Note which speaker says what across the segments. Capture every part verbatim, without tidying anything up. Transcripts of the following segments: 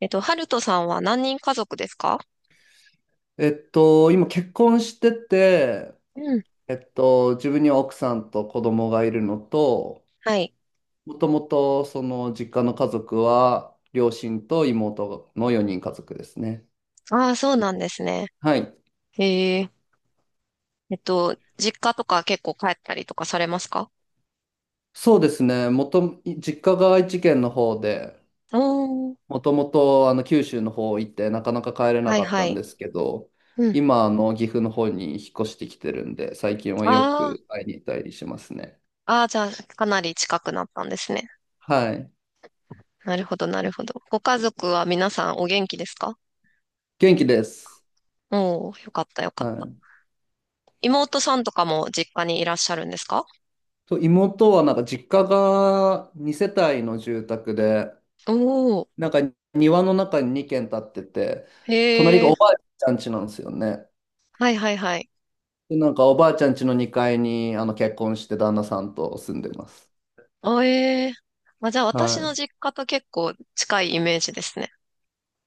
Speaker 1: えっと、ハルトさんは何人家族ですか？
Speaker 2: えっと、今結婚してて、
Speaker 1: うん。
Speaker 2: えっと、自分には奥さんと子供がいるのと、
Speaker 1: はい。
Speaker 2: もともとその実家の家族は両親と妹のよにんかぞく家族ですね。
Speaker 1: ああ、そうなんですね。
Speaker 2: はい。
Speaker 1: へえ。えっと、実家とか結構帰ったりとかされますか？
Speaker 2: そうですね。もと、実家が愛知県の方で、
Speaker 1: おー。
Speaker 2: もともとあの九州の方行ってなかなか帰れな
Speaker 1: はい
Speaker 2: かっ
Speaker 1: は
Speaker 2: たん
Speaker 1: い。
Speaker 2: ですけど、
Speaker 1: うん。
Speaker 2: 今あの岐阜の方に引っ越してきてるんで、最近はよ
Speaker 1: あ
Speaker 2: く会いに行ったりしますね。
Speaker 1: あ、ああ、じゃあ、かなり近くなったんですね。
Speaker 2: はい。
Speaker 1: なるほど、なるほど。ご家族は皆さんお元気ですか？
Speaker 2: 元気です。
Speaker 1: おー、よかった、よかっ
Speaker 2: は
Speaker 1: た。
Speaker 2: い。
Speaker 1: 妹さんとかも実家にいらっしゃるんですか？
Speaker 2: そう妹はなんか実家がに世帯の住宅で、
Speaker 1: おー。
Speaker 2: なんか庭の中にに軒建ってて、隣
Speaker 1: へ
Speaker 2: が
Speaker 1: え。
Speaker 2: おばあちゃん家なんですよね。
Speaker 1: はいはいはい。
Speaker 2: で、なんかおばあちゃん家のにかいにあの結婚して旦那さんと住んでます。
Speaker 1: あ、ええ。まあ、じゃあ、私
Speaker 2: は
Speaker 1: の
Speaker 2: い。
Speaker 1: 実家と結構近いイメージですね。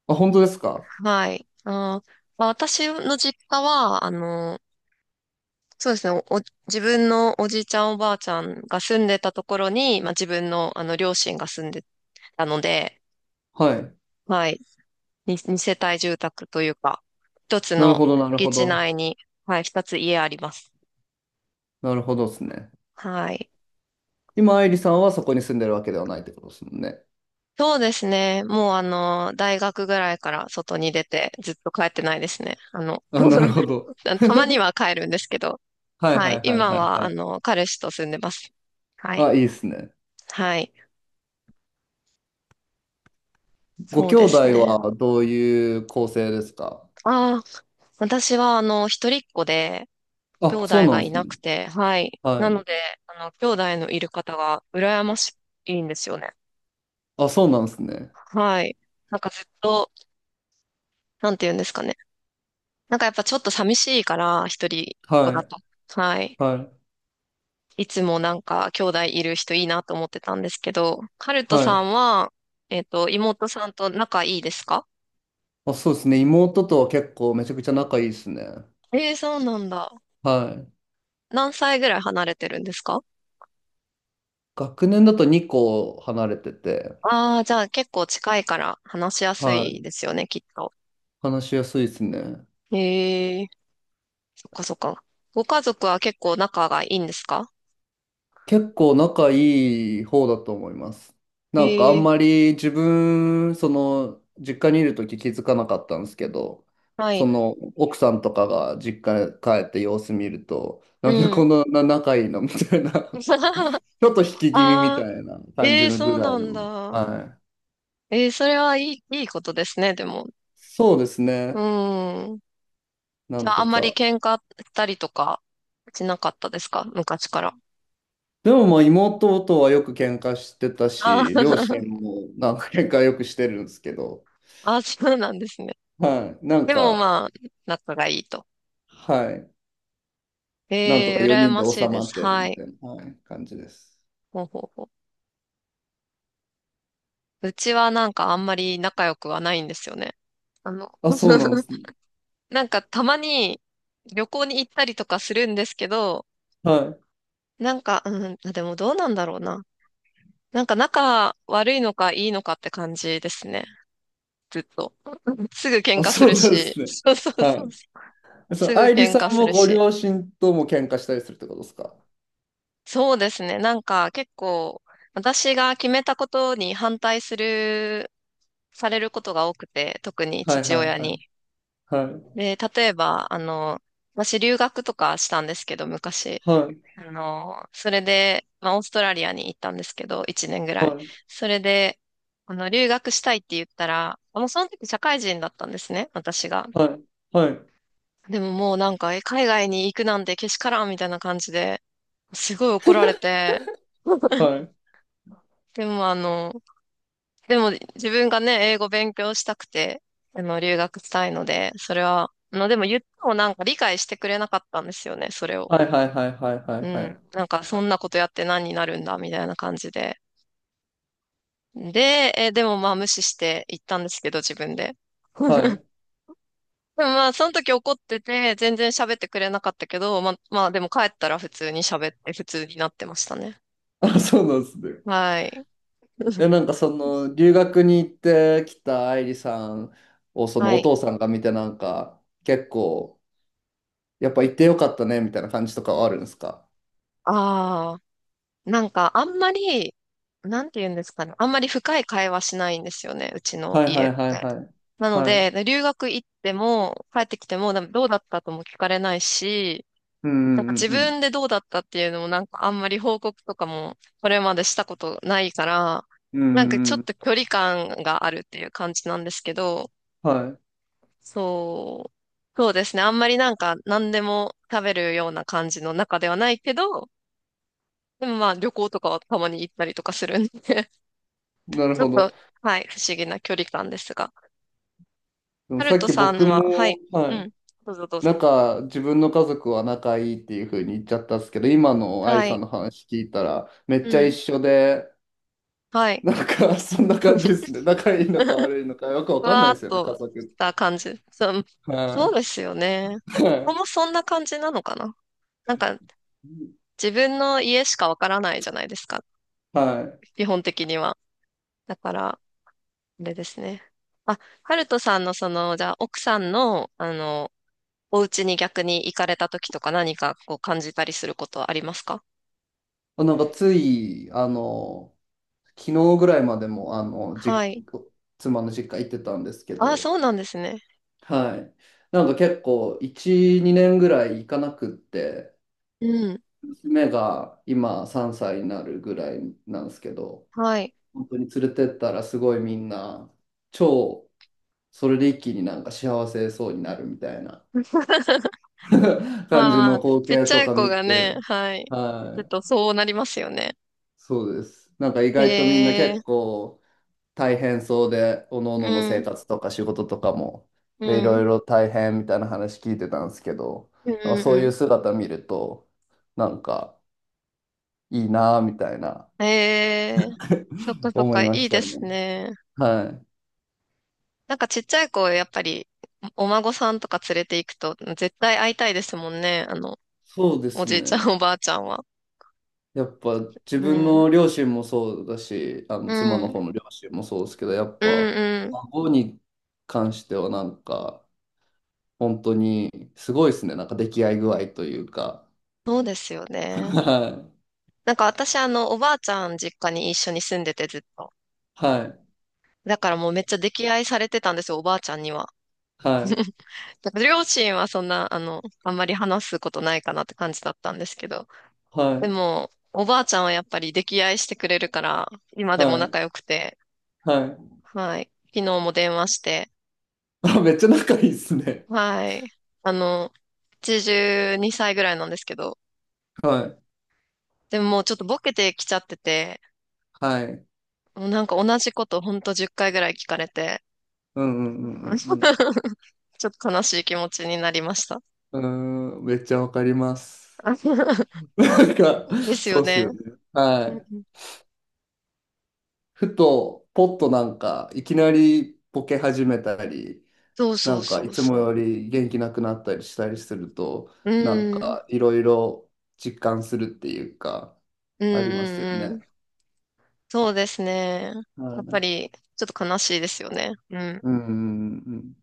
Speaker 2: あ、本当ですか？
Speaker 1: はい。あー、まあ、私の実家は、あの、そうですね、お、お自分のおじいちゃんおばあちゃんが住んでたところに、まあ、自分の、あの両親が住んでたので、
Speaker 2: はい。
Speaker 1: はい、に二世帯住宅というか、一つ
Speaker 2: なる
Speaker 1: の
Speaker 2: ほど、なる
Speaker 1: 敷
Speaker 2: ほ
Speaker 1: 地
Speaker 2: ど。
Speaker 1: 内に、はい、二つ家あります。
Speaker 2: なるほどですね。
Speaker 1: はい。
Speaker 2: 今、愛理さんはそこに住んでるわけではないってことですもんね。
Speaker 1: そうですね。もうあの、大学ぐらいから外に出てずっと帰ってないですね。あの、
Speaker 2: あ、なる ほど。
Speaker 1: たまに は帰るんですけど。
Speaker 2: はい
Speaker 1: は
Speaker 2: は
Speaker 1: い。
Speaker 2: いはい
Speaker 1: 今
Speaker 2: はい
Speaker 1: は
Speaker 2: は
Speaker 1: あ
Speaker 2: い。
Speaker 1: の、彼氏と住んでます。はい。
Speaker 2: あ、いいですね。
Speaker 1: はい。
Speaker 2: ご
Speaker 1: そう
Speaker 2: 兄
Speaker 1: で
Speaker 2: 弟
Speaker 1: すね。
Speaker 2: はどういう構成ですか？
Speaker 1: ああ、私はあの、一人っ子で兄
Speaker 2: あ、そう
Speaker 1: 弟
Speaker 2: な
Speaker 1: が
Speaker 2: んで
Speaker 1: い
Speaker 2: す
Speaker 1: な
Speaker 2: ね。
Speaker 1: くて、はい。な
Speaker 2: はい。
Speaker 1: ので、あの、兄弟のいる方が羨ましいんですよね。
Speaker 2: あ、そうなんですね。
Speaker 1: はい。なんかずっと、なんて言うんですかね。なんかやっぱちょっと寂しいから、一人っ子
Speaker 2: は
Speaker 1: だ
Speaker 2: い。
Speaker 1: と。はい。
Speaker 2: はい。
Speaker 1: いつもなんか兄弟いる人いいなと思ってたんですけど、ハルト
Speaker 2: は
Speaker 1: さ
Speaker 2: い。
Speaker 1: んは、えっと、妹さんと仲いいですか？
Speaker 2: あ、そうですね。妹とは結構めちゃくちゃ仲いいですね。
Speaker 1: ええそうなんだ。
Speaker 2: はい。
Speaker 1: 何歳ぐらい離れてるんですか？
Speaker 2: 学年だとにこ離れてて、
Speaker 1: ああー、じゃあ結構近いから話しやす
Speaker 2: は
Speaker 1: い
Speaker 2: い。
Speaker 1: ですよね、きっと。
Speaker 2: 話しやすいですね。
Speaker 1: ええそっかそっか。ご家族は結構仲がいいんですか？
Speaker 2: 結構仲いい方だと思います。なんかあん
Speaker 1: え
Speaker 2: ま
Speaker 1: え
Speaker 2: り自分、その、実家にいるとき気づかなかったんですけど、
Speaker 1: は
Speaker 2: そ
Speaker 1: い。
Speaker 2: の、奥さんとかが実家に帰って様子見ると、なんで
Speaker 1: う
Speaker 2: こ
Speaker 1: ん。
Speaker 2: んな仲いいのみたいなち ょっと引き気味み
Speaker 1: ああ、
Speaker 2: たいな感
Speaker 1: え
Speaker 2: じ
Speaker 1: え
Speaker 2: のぐ
Speaker 1: そう
Speaker 2: らい
Speaker 1: なん
Speaker 2: の。
Speaker 1: だ。
Speaker 2: はい。
Speaker 1: ええそれはいい、いいことですね、でも。
Speaker 2: そうです
Speaker 1: う
Speaker 2: ね。
Speaker 1: ん。
Speaker 2: な
Speaker 1: じゃ
Speaker 2: ん
Speaker 1: あ、あ
Speaker 2: と
Speaker 1: んまり
Speaker 2: か。
Speaker 1: 喧嘩したりとかしなかったですか？昔から。
Speaker 2: でもまあ妹とはよく喧嘩してた
Speaker 1: あ
Speaker 2: し、両
Speaker 1: ー
Speaker 2: 親もなんか喧嘩よくしてるんですけど、
Speaker 1: あー、そうなんですね。
Speaker 2: はい。なん
Speaker 1: でも
Speaker 2: か、
Speaker 1: まあ、仲がいいと。
Speaker 2: はい。なんと
Speaker 1: ええ
Speaker 2: か
Speaker 1: ー、羨
Speaker 2: よにんで
Speaker 1: まし
Speaker 2: 収
Speaker 1: いで
Speaker 2: ま
Speaker 1: す。
Speaker 2: ってる
Speaker 1: は
Speaker 2: み
Speaker 1: い。
Speaker 2: たいな、はい、感じです。
Speaker 1: ほうほうほう。うちはなんかあんまり仲良くはないんですよね。あの、
Speaker 2: あ、そうなんで すね。
Speaker 1: なんかたまに旅行に行ったりとかするんですけど、
Speaker 2: はい。
Speaker 1: なんか、うん、あでもどうなんだろうな。なんか仲悪いのかいいのかって感じですね。ずっと。すぐ喧
Speaker 2: あ、
Speaker 1: 嘩す
Speaker 2: そう
Speaker 1: る
Speaker 2: なんで
Speaker 1: し。
Speaker 2: すね。
Speaker 1: そうそうそ
Speaker 2: は
Speaker 1: う。
Speaker 2: い。そ
Speaker 1: す
Speaker 2: の、
Speaker 1: ぐ
Speaker 2: 愛梨
Speaker 1: 喧
Speaker 2: さ
Speaker 1: 嘩
Speaker 2: ん
Speaker 1: す
Speaker 2: も
Speaker 1: る
Speaker 2: ご
Speaker 1: し。
Speaker 2: 両親とも喧嘩したりするってことですか？
Speaker 1: そうですね。なんか結構、私が決めたことに反対する、されることが多くて、特に
Speaker 2: はい
Speaker 1: 父
Speaker 2: はい
Speaker 1: 親
Speaker 2: は
Speaker 1: に。
Speaker 2: い。はい。
Speaker 1: で、例えば、あの、私留学とかしたんですけど、昔。
Speaker 2: はい。
Speaker 1: あの、それで、まあ、オーストラリアに行ったんですけど、いちねんぐら
Speaker 2: は
Speaker 1: い。
Speaker 2: い。
Speaker 1: それで、あの、留学したいって言ったら、もうその時社会人だったんですね、私が。
Speaker 2: はい。はい。
Speaker 1: でももうなんか、え、海外に行くなんてけしからんみたいな感じで、すごい怒られて、
Speaker 2: はい。
Speaker 1: でもあの、でも自分がね、英語勉強したくて、あの、留学したいので、それは、あの、でも言ってもなんか理解してくれなかったんですよね、それを。
Speaker 2: はいはいはいはいはい
Speaker 1: う
Speaker 2: は
Speaker 1: ん。
Speaker 2: い。
Speaker 1: なんかそんなことやって何になるんだ、みたいな感じで。で、え、でもまあ無視して行ったんですけど、自分で。
Speaker 2: は い。
Speaker 1: まあ、その時怒ってて、全然喋ってくれなかったけど、まあ、まあ、でも帰ったら普通に喋って、普通になってましたね。
Speaker 2: あ、そうなんですね。
Speaker 1: はい。
Speaker 2: え、なんかその、留学に行ってきた愛理さんを、その
Speaker 1: は
Speaker 2: お
Speaker 1: い。
Speaker 2: 父さんが見て、なんか、結構、やっぱ行ってよかったね、みたいな感じとかはあるんですか？
Speaker 1: ああ、なんか、あんまり、なんて言うんですかね。あんまり深い会話しないんですよね、うちの
Speaker 2: はいは
Speaker 1: 家っ
Speaker 2: いはい
Speaker 1: て。
Speaker 2: はい。
Speaker 1: なの
Speaker 2: はい。
Speaker 1: で、留学行っても、帰ってきても、でもどうだったとも聞かれないし、
Speaker 2: うんう
Speaker 1: なんか
Speaker 2: ん
Speaker 1: 自
Speaker 2: うん
Speaker 1: 分でどうだったっていうのもなんかあんまり報告とかもこれまでしたことないから、
Speaker 2: うん。うん
Speaker 1: なんか
Speaker 2: う
Speaker 1: ちょ
Speaker 2: んう
Speaker 1: っ
Speaker 2: ん。
Speaker 1: と距離感があるっていう感じなんですけど、
Speaker 2: は
Speaker 1: そう、そうですね。あんまりなんか何でも食べるような感じの中ではないけど、でもまあ旅行とかはたまに行ったりとかするんで
Speaker 2: い。な る
Speaker 1: ちょ
Speaker 2: ほ
Speaker 1: っと、
Speaker 2: ど。
Speaker 1: はい、不思議な距離感ですが。
Speaker 2: でも
Speaker 1: ハル
Speaker 2: さっ
Speaker 1: ト
Speaker 2: き
Speaker 1: さん
Speaker 2: 僕
Speaker 1: は、は
Speaker 2: も、
Speaker 1: い、
Speaker 2: は
Speaker 1: う
Speaker 2: い。
Speaker 1: ん、どうぞどう
Speaker 2: な
Speaker 1: ぞ。
Speaker 2: んか、自分の家族は仲いいっていうふうに言っちゃったんですけど、今の愛理
Speaker 1: は
Speaker 2: さん
Speaker 1: い、
Speaker 2: の話聞いたら、めっ
Speaker 1: う
Speaker 2: ちゃ一
Speaker 1: ん、
Speaker 2: 緒で、
Speaker 1: はい。
Speaker 2: なんか、そんな感じですね。仲いいのか悪いのか、よくわ
Speaker 1: ふ
Speaker 2: かんな
Speaker 1: わー
Speaker 2: いで
Speaker 1: っ
Speaker 2: すよね、家
Speaker 1: と
Speaker 2: 族っ
Speaker 1: した
Speaker 2: て。
Speaker 1: 感じ。そう、そ
Speaker 2: は
Speaker 1: うですよね。
Speaker 2: い。は
Speaker 1: ここ
Speaker 2: い。
Speaker 1: もそんな感じなのかな。なんか自分の家しかわからないじゃないですか。
Speaker 2: はい。
Speaker 1: 基本的には。だから、あれですね。あ、ハルトさんのその、じゃあ奥さんの、あの、お家に逆に行かれた時とか何かこう感じたりすることはありますか？
Speaker 2: あなんか、つい、あの、昨日ぐらいまでも、あの、
Speaker 1: は
Speaker 2: じ、
Speaker 1: い。
Speaker 2: 妻の実家行ってたんですけ
Speaker 1: あ、
Speaker 2: ど、
Speaker 1: そうなんですね。
Speaker 2: はい。なんか結構、いち、にねんぐらい行かなくって、
Speaker 1: うん。
Speaker 2: 娘が今さんさいになるぐらいなんですけど、
Speaker 1: はい。
Speaker 2: 本当に連れてったらすごいみんな、超、それで一気になんか幸せそうになるみたいな。感じ
Speaker 1: まあま
Speaker 2: の
Speaker 1: あ、
Speaker 2: 光
Speaker 1: ちっ
Speaker 2: 景
Speaker 1: ちゃ
Speaker 2: と
Speaker 1: い
Speaker 2: か
Speaker 1: 子
Speaker 2: 見
Speaker 1: が
Speaker 2: て、
Speaker 1: ね、はい。行く
Speaker 2: はい、
Speaker 1: とそうなりますよね。
Speaker 2: そうです。なんか意外とみんな
Speaker 1: へえ。
Speaker 2: 結構大変そうで、おのおのの
Speaker 1: う
Speaker 2: 生
Speaker 1: ん、
Speaker 2: 活とか仕事とかも、
Speaker 1: う
Speaker 2: で、いろ
Speaker 1: ん、
Speaker 2: いろ大変みたいな話聞いてたんですけど、
Speaker 1: うん、
Speaker 2: なんかそうい
Speaker 1: う
Speaker 2: う姿見ると、なんかいいなぁみたいな
Speaker 1: ん。ええそっか そっ
Speaker 2: 思い
Speaker 1: か、い
Speaker 2: まし
Speaker 1: い
Speaker 2: た
Speaker 1: で
Speaker 2: ね。
Speaker 1: すね。
Speaker 2: はい。
Speaker 1: なんかちっちゃい子、やっぱり、お孫さんとか連れて行くと、絶対会いたいですもんね。あの、
Speaker 2: そうで
Speaker 1: お
Speaker 2: す
Speaker 1: じいちゃん、
Speaker 2: ね。
Speaker 1: おばあちゃんは。
Speaker 2: やっぱ自
Speaker 1: う
Speaker 2: 分
Speaker 1: ん、
Speaker 2: の両親もそうだし、あの
Speaker 1: う
Speaker 2: 妻の
Speaker 1: ん、
Speaker 2: 方の両親もそうですけど、やっ
Speaker 1: うん、
Speaker 2: ぱ
Speaker 1: うん。
Speaker 2: 孫に関してはなんか本当にすごいですね。なんか出来合い具合というか。
Speaker 1: そうですよね。
Speaker 2: は
Speaker 1: なんか私、あの、おばあちゃん実家に一緒に住んでて、ずっと。
Speaker 2: い。はい。
Speaker 1: だからもうめっちゃ溺愛されてたんですよ、おばあちゃんには。
Speaker 2: はい。
Speaker 1: なんか両親はそんな、あの、あんまり話すことないかなって感じだったんですけど。
Speaker 2: は
Speaker 1: で
Speaker 2: い。
Speaker 1: も、おばあちゃんはやっぱり溺愛してくれるから、今でも
Speaker 2: は
Speaker 1: 仲
Speaker 2: い。
Speaker 1: 良くて、
Speaker 2: はい。
Speaker 1: はい。昨日も電話して、
Speaker 2: あ、めっちゃ仲いいですね。
Speaker 1: はい。あの、はちじゅうにさいぐらいなんですけど、
Speaker 2: はい。
Speaker 1: でももうちょっとボケてきちゃってて、
Speaker 2: はい。
Speaker 1: もうなんか同じことほんとじゅっかいぐらい聞かれて、
Speaker 2: うんう んう
Speaker 1: ちょ
Speaker 2: んうん
Speaker 1: っと悲しい気持ちになりました。
Speaker 2: うん。うーん、めっちゃわかります。なんか、
Speaker 1: です
Speaker 2: そ
Speaker 1: よ
Speaker 2: うっす
Speaker 1: ね。
Speaker 2: よね。は
Speaker 1: う
Speaker 2: い。
Speaker 1: ん
Speaker 2: ふと、ポッとなんか、いきなりボケ始めたり、
Speaker 1: そう
Speaker 2: な
Speaker 1: そう
Speaker 2: んか
Speaker 1: そ
Speaker 2: い
Speaker 1: う
Speaker 2: つもよ
Speaker 1: そ
Speaker 2: り元気なくなったりしたりすると、
Speaker 1: う。う
Speaker 2: なん
Speaker 1: ん。
Speaker 2: かいろいろ実感するっていうか、
Speaker 1: うん
Speaker 2: ありますよ
Speaker 1: うんう
Speaker 2: ね。
Speaker 1: ん。そうですね。や
Speaker 2: は
Speaker 1: っぱ
Speaker 2: い。
Speaker 1: り、ちょっと悲しいですよね。うん。
Speaker 2: うんうんうん。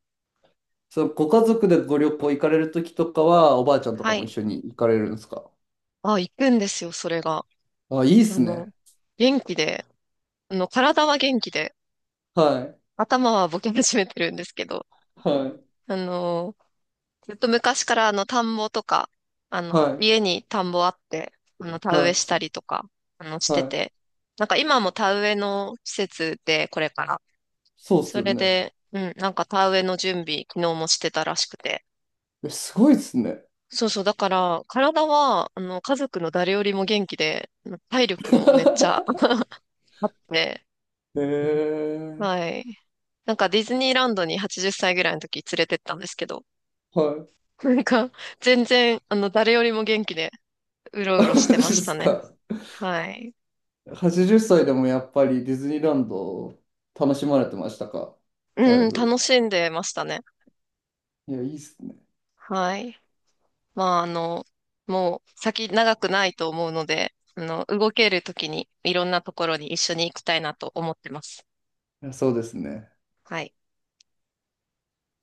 Speaker 2: そう、ご家族でご旅行行かれるときとかは、おばあちゃんとか
Speaker 1: は
Speaker 2: も一
Speaker 1: い。
Speaker 2: 緒に行かれるんですか？
Speaker 1: あ、行くんですよ、それが。
Speaker 2: あ、いいっ
Speaker 1: あ
Speaker 2: す
Speaker 1: の、
Speaker 2: ね。
Speaker 1: 元気で、あの、体は元気で、
Speaker 2: はい。
Speaker 1: 頭はボケ始めてるんですけど、
Speaker 2: はい。
Speaker 1: あの、ずっと昔からあの、田んぼとか、あの、
Speaker 2: はい。
Speaker 1: 家に田んぼあって、あの、田植えし
Speaker 2: は
Speaker 1: たりとか、あの、し
Speaker 2: い。
Speaker 1: て
Speaker 2: はい。
Speaker 1: て、なんか今も田植えの施設で、これから。
Speaker 2: そうっす
Speaker 1: そ
Speaker 2: よ
Speaker 1: れ
Speaker 2: ね。
Speaker 1: で、うん、なんか田植えの準備、昨日もしてたらしくて。
Speaker 2: え、すごいっすね。
Speaker 1: そうそう、だから、体は、あの、家族の誰よりも元気で、体力 もめっちゃあって、
Speaker 2: へえ。
Speaker 1: はい。なんかディズニーランドにはちじゅっさいぐらいの時連れてったんですけど、
Speaker 2: はい。
Speaker 1: なんか全然、あの、誰よりも元気でう ろ
Speaker 2: あ
Speaker 1: うろ
Speaker 2: マ
Speaker 1: し
Speaker 2: ジ
Speaker 1: て
Speaker 2: っ
Speaker 1: ました
Speaker 2: す
Speaker 1: ね。
Speaker 2: か。
Speaker 1: はい。
Speaker 2: はちじゅっさいでもやっぱりディズニーランド楽しまれてましたか？だい
Speaker 1: うん、
Speaker 2: ぶ。
Speaker 1: 楽しんでましたね。
Speaker 2: いや、いいっすね。
Speaker 1: はい。まあ、あの、もう先長くないと思うので、あの、動ける時にいろんなところに一緒に行きたいなと思ってます。
Speaker 2: いやそうですね。
Speaker 1: はい。